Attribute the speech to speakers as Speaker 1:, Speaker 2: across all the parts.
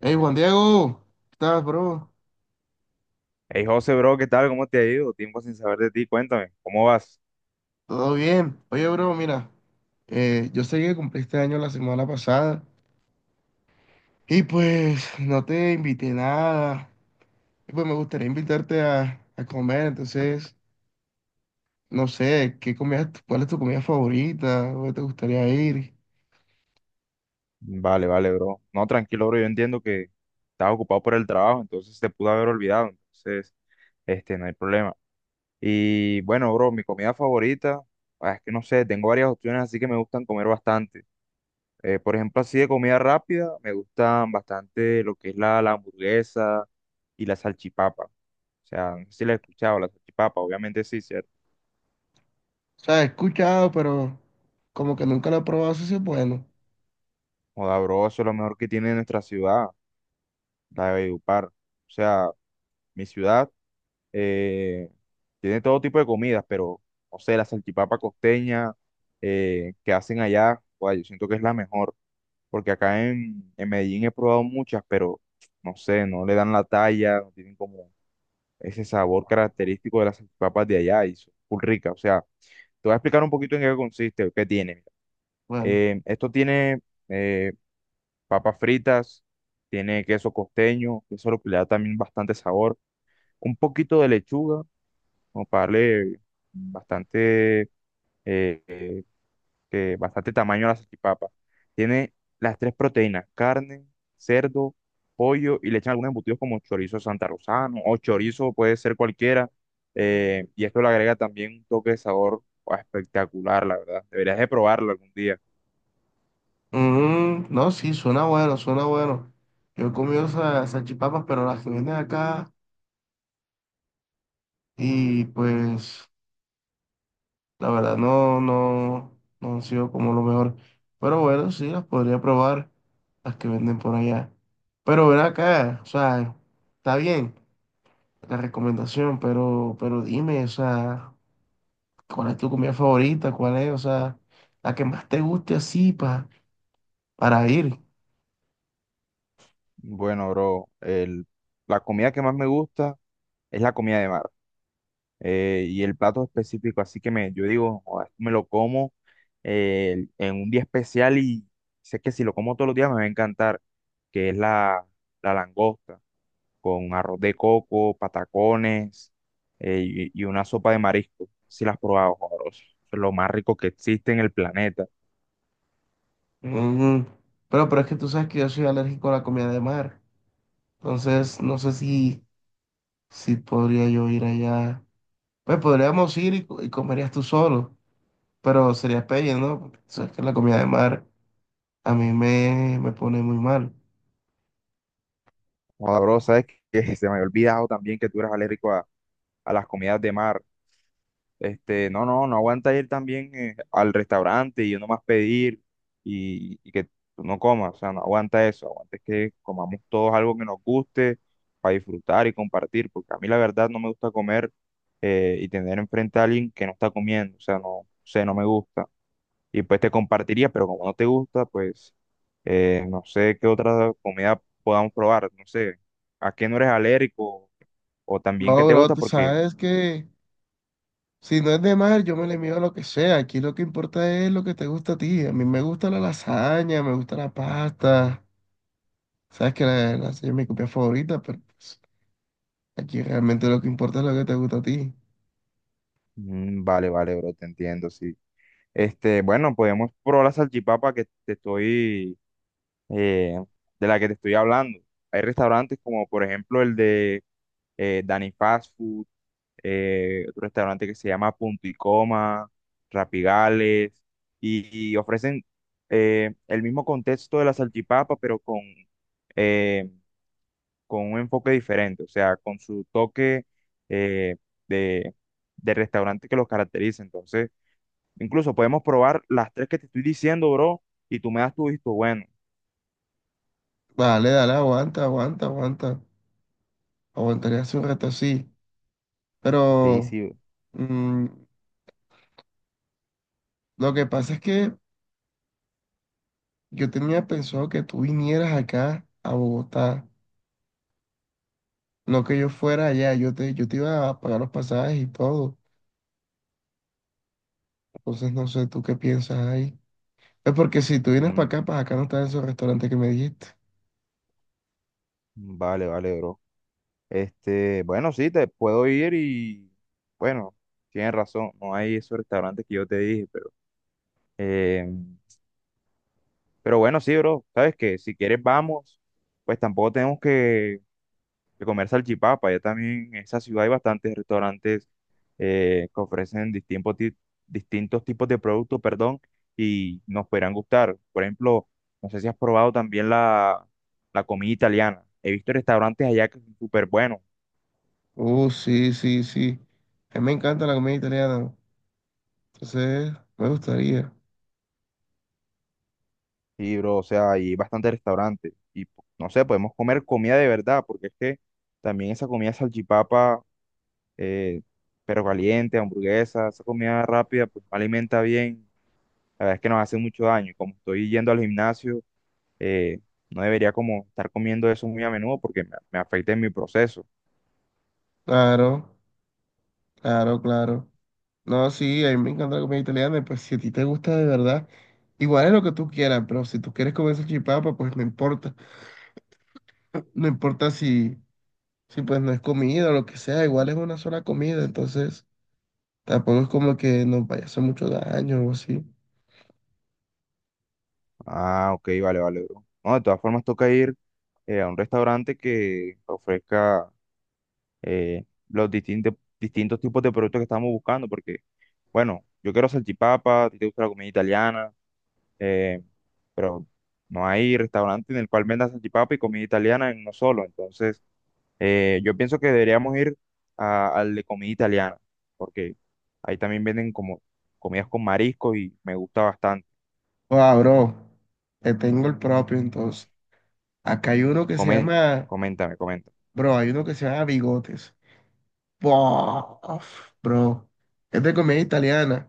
Speaker 1: Hey Juan Diego, ¿qué tal, bro?
Speaker 2: Hey José, bro, ¿qué tal? ¿Cómo te ha ido? Tiempo sin saber de ti, cuéntame, ¿cómo vas?
Speaker 1: ¿Todo bien? Oye, bro, mira, yo sé que cumpliste año la semana pasada y pues no te invité nada. Y pues me gustaría invitarte a comer. Entonces, no sé, ¿qué comida, cuál es tu comida favorita? ¿Dónde te gustaría ir?
Speaker 2: Vale, vale, bro. No, tranquilo, bro, yo entiendo que estás ocupado por el trabajo, entonces te pude haber olvidado. Entonces, no hay problema. Y bueno, bro, mi comida favorita, ah, es que no sé, tengo varias opciones, así que me gustan comer bastante. Por ejemplo, así de comida rápida, me gustan bastante lo que es la hamburguesa y la salchipapa. O sea, no sé si la he escuchado, la salchipapa, obviamente sí, ¿cierto?
Speaker 1: O sea, he escuchado, pero como que nunca lo he probado, eso sí es bueno.
Speaker 2: Joda, bro, eso es lo mejor que tiene nuestra ciudad de Valledupar. O sea, mi ciudad eh, tiene todo tipo de comidas, pero no sé, la salchipapa costeña que hacen allá, guay, yo siento que es la mejor, porque acá en Medellín he probado muchas, pero no sé, no le dan la talla, no tienen como ese sabor característico de las salchipapas de allá y son full ricas. O sea, te voy a explicar un poquito en qué consiste, qué tiene.
Speaker 1: Bueno,
Speaker 2: Esto tiene eh, papas fritas, tiene queso costeño, eso le da también bastante sabor, un poquito de lechuga, como para darle bastante, eh, eh, que bastante tamaño a la salchipapa. Tiene las tres proteínas: carne, cerdo, pollo, y le echan algunos embutidos como chorizo santarrosano o chorizo, puede ser cualquiera. Y esto le agrega también un toque de sabor espectacular, la verdad. Deberías de probarlo algún día.
Speaker 1: no, sí, suena bueno, suena bueno. Yo he comido salchipapas, pero las que venden acá y pues, la verdad, no han sido como lo mejor. Pero bueno, sí, las podría probar, las que venden por allá. Pero ven acá, o sea, está bien la recomendación, pero dime, o sea, ¿cuál es tu comida favorita? ¿Cuál es, o sea, la que más te guste así para ir?
Speaker 2: Bueno, bro, la comida que más me gusta es la comida de mar. Y el plato específico, así que me, yo digo: "Joda, esto me lo como en un día especial y sé que si lo como todos los días me va a encantar", que es la langosta con arroz de coco, patacones, y una sopa de marisco. Si las has probado, joda, bro, eso es lo más rico que existe en el planeta.
Speaker 1: Mm, pero es que tú sabes que yo soy alérgico a la comida de mar. Entonces, no sé si, si podría yo ir allá. Pues podríamos ir y, y comerías tú solo, pero sería pelle, ¿no? Porque tú sabes que la comida de mar a me pone muy mal.
Speaker 2: Joda, bro, sabes que se me había olvidado también que tú eres alérgico a las comidas de mar. No, no, no aguanta ir también al restaurante y yo nomás pedir y que tú no comas, o sea, no aguanta eso, aguanta es que comamos todos algo que nos guste, para disfrutar y compartir, porque a mí la verdad no me gusta comer y tener enfrente a alguien que no está comiendo. O sea, no sé, no me gusta. Y pues te compartiría, pero como no te gusta, pues no sé qué otra comida podamos probar, no sé, a qué no eres alérgico o también qué
Speaker 1: No,
Speaker 2: te
Speaker 1: bro,
Speaker 2: gusta,
Speaker 1: tú
Speaker 2: porque...
Speaker 1: sabes que si no es de mar, yo me le mido a lo que sea. Aquí lo que importa es lo que te gusta a ti. A mí me gusta la lasaña, me gusta la pasta. Sabes que la lasaña es mi comida favorita, pero pues, aquí realmente lo que importa es lo que te gusta a ti.
Speaker 2: Mm, vale, vale, bro, te entiendo, sí. Bueno, podemos probar la salchipapa eh, de la que te estoy hablando. Hay restaurantes como, por ejemplo, el de Dani Fast Food, otro restaurante que se llama Punto y Coma, Rapigales, y ofrecen el mismo contexto de la salchipapa, pero eh, con un enfoque diferente, o sea, con su toque eh, de, de restaurante que los caracteriza. Entonces, incluso podemos probar las tres que te estoy diciendo, bro, y tú me das tu visto bueno.
Speaker 1: Dale, dale, aguanta, aguanta, aguanta. Aguantaría hace un rato así.
Speaker 2: Sí,
Speaker 1: Pero
Speaker 2: sí.
Speaker 1: mm, lo que pasa es que yo tenía pensado que tú vinieras acá a Bogotá, no que yo fuera allá. Yo te iba a pagar los pasajes y todo. Entonces no sé tú qué piensas ahí. Es porque si tú vienes
Speaker 2: Mm,
Speaker 1: para acá no está en esos restaurantes que me dijiste.
Speaker 2: vale, vale, bro. Bueno, sí, te puedo ir y, bueno, tienes razón, no hay esos restaurantes que yo te dije, pero eh, pero bueno, sí, bro, sabes que si quieres vamos, pues tampoco tenemos que de comer salchipapa. Ya también en esa ciudad hay bastantes restaurantes que ofrecen distintos tipos de productos, perdón, y nos podrán gustar. Por ejemplo, no sé si has probado también la comida italiana. He visto restaurantes allá que son súper buenos.
Speaker 1: Oh, sí, sí, sí. A mí me encanta la comida italiana. Entonces, me gustaría.
Speaker 2: Y, bro, o sea, hay bastantes restaurantes. No sé, podemos comer comida de verdad, porque es que también esa comida salchipapa, eh, pero caliente, hamburguesa, esa comida rápida, pues no alimenta bien. La verdad es que nos hace mucho daño. Y como estoy yendo al gimnasio, eh, no debería como estar comiendo eso muy a menudo porque me afecta en mi proceso.
Speaker 1: Claro, claro, claro. No, sí, a mí me encanta la comida italiana. Y pues si a ti te gusta de verdad, igual es lo que tú quieras, pero si tú quieres comer salchipapa, pues no importa. No importa si sí, pues no es comida o lo que sea, igual es una sola comida, entonces tampoco es como que nos vaya a hacer mucho daño o así.
Speaker 2: Ah, ok, vale, vale, bro. No, de todas formas toca ir a un restaurante que ofrezca eh, los distintos tipos de productos que estamos buscando, porque, bueno, yo quiero salchipapa, a ti te gusta la comida italiana, eh, pero no hay restaurante en el cual venda salchipapa y comida italiana en uno solo. Entonces, yo pienso que deberíamos ir al de comida italiana, porque ahí también venden como comidas con marisco y me gusta bastante.
Speaker 1: Ah, bro, te tengo el propio entonces. Acá hay uno que se
Speaker 2: Comen,
Speaker 1: llama,
Speaker 2: Coméntame, coméntame.
Speaker 1: bro, hay uno que se llama Bigotes. Bof, bro, es de comida italiana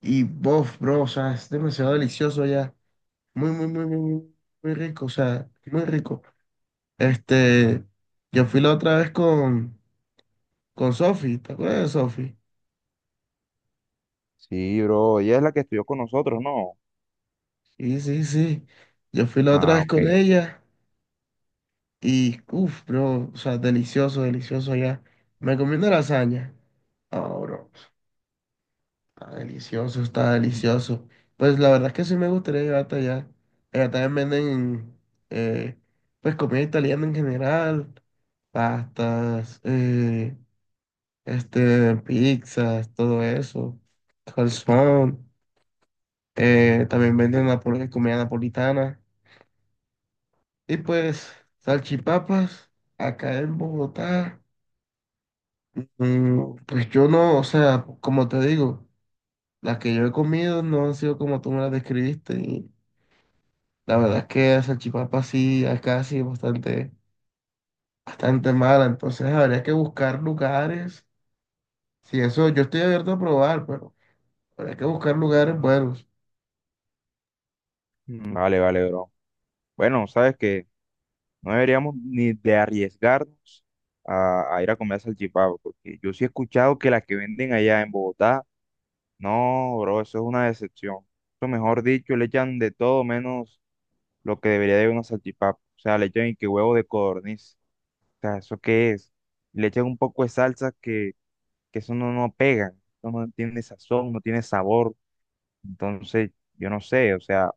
Speaker 1: y bof, bro, o sea, es demasiado delicioso ya. Muy, muy, muy, muy, muy, muy rico, o sea, muy rico. Este, yo fui la otra vez con Sofi, ¿te acuerdas de Sofi?
Speaker 2: Sí, bro, ella es la que estudió con nosotros, ¿no?
Speaker 1: Sí, sí, sí. Yo fui la otra
Speaker 2: Ah,
Speaker 1: vez
Speaker 2: ok.
Speaker 1: con ella y uff, bro, o sea, delicioso, delicioso allá. Me comí una lasaña. Ah, bro, está delicioso, está delicioso. Pues la verdad es que sí me gustaría llegar hasta allá. Allá también venden, eh, pues, comida italiana en general, pastas, este, pizzas, todo eso, calzón. También venden comida napolitana. Y pues, salchipapas, acá en Bogotá, pues yo no, o sea, como te digo, las que yo he comido no han sido como tú me las describiste. Y la verdad es que la salchipapa sí, acá sí es bastante, bastante mala. Entonces habría que buscar lugares. Si eso, yo estoy abierto a probar, pero habría que buscar lugares buenos.
Speaker 2: Mm, vale, vale, bro. Bueno, sabes que no deberíamos ni de arriesgarnos a ir a comer salchipapa, porque yo sí he escuchado que las que venden allá en Bogotá, no, bro, eso es una decepción. Eso, mejor dicho, le echan de todo menos lo que debería de una salchipapa. O sea, le echan y que huevo de codorniz. O sea, ¿eso qué es? Le echan un poco de salsa que eso no, no pega, no, no tiene sazón, no tiene sabor. Entonces, yo no sé, o sea,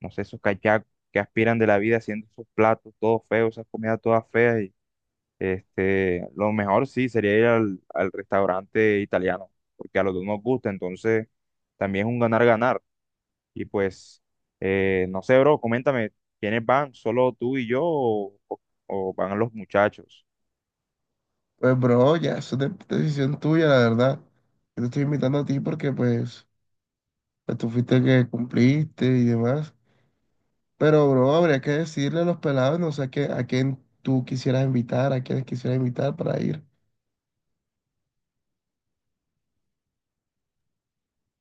Speaker 2: no sé esos cachacos que aspiran de la vida haciendo esos platos todos feos, esas comidas todas feas. Y, lo mejor sí sería ir al restaurante italiano, porque a los dos nos gusta, entonces también es un ganar-ganar. Y pues, no sé, bro, coméntame, ¿quiénes van? ¿Solo tú y yo, o van los muchachos?
Speaker 1: Pues bro, ya, eso es decisión tuya, la verdad. Yo te estoy invitando a ti porque pues, pues tú fuiste el que cumpliste y demás. Pero, bro, habría que decirle a los pelados, no sé a a quién tú quisieras invitar, a quiénes quisieras invitar para ir.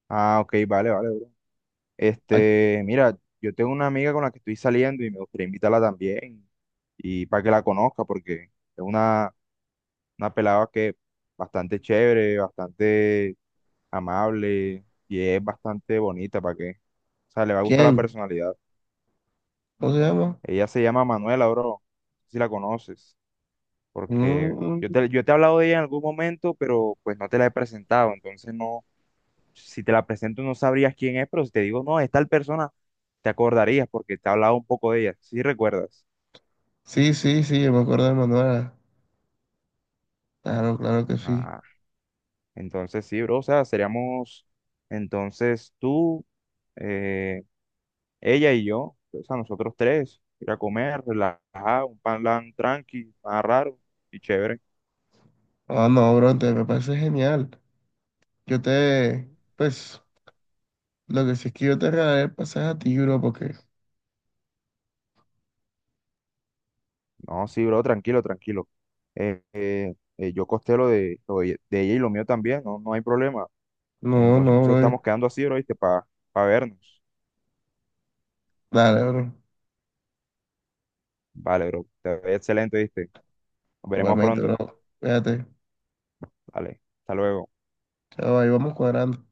Speaker 2: Ah, ok, vale, vale, bro.
Speaker 1: ¿A
Speaker 2: Mira, yo tengo una amiga con la que estoy saliendo y me gustaría invitarla también, y para que la conozca, porque es una, una pelada que bastante chévere, bastante amable y es bastante bonita, ¿para qué? O sea, le va a gustar la
Speaker 1: quién?
Speaker 2: personalidad.
Speaker 1: ¿Cómo se llama?
Speaker 2: Ella se llama Manuela, bro, no sé si la conoces, porque
Speaker 1: Mm,
Speaker 2: yo te he hablado de ella en algún momento, pero pues no te la he presentado, entonces no, si te la presento no sabrías quién es, pero si te digo, no, es tal persona, te acordarías porque te he hablado un poco de ella, ¿si recuerdas?
Speaker 1: sí, sí, sí, yo me acuerdo de Manuela. Claro, claro que sí.
Speaker 2: Ah, entonces sí, bro, o sea, seríamos entonces tú, eh, ella y yo, o sea, nosotros tres, ir a comer, relajar, un pan lan tranqui, más raro y chévere.
Speaker 1: Ah, no, bro, te me parece genial. Yo te, pues, lo que sí es que yo te regalaré el pasaje a ti, bro, porque...
Speaker 2: No, sí, bro, tranquilo, tranquilo. Yo costé lo de ella y lo mío también, no, no hay problema.
Speaker 1: No,
Speaker 2: Entonces
Speaker 1: no, bro.
Speaker 2: estamos quedando así, bro, ¿viste? Para vernos.
Speaker 1: Dale, bro.
Speaker 2: Vale, bro, te ve excelente, ¿viste? Nos veremos
Speaker 1: Igualmente,
Speaker 2: pronto.
Speaker 1: bro. Fíjate.
Speaker 2: Vale, hasta luego.
Speaker 1: Chao, ahí vamos cuadrando.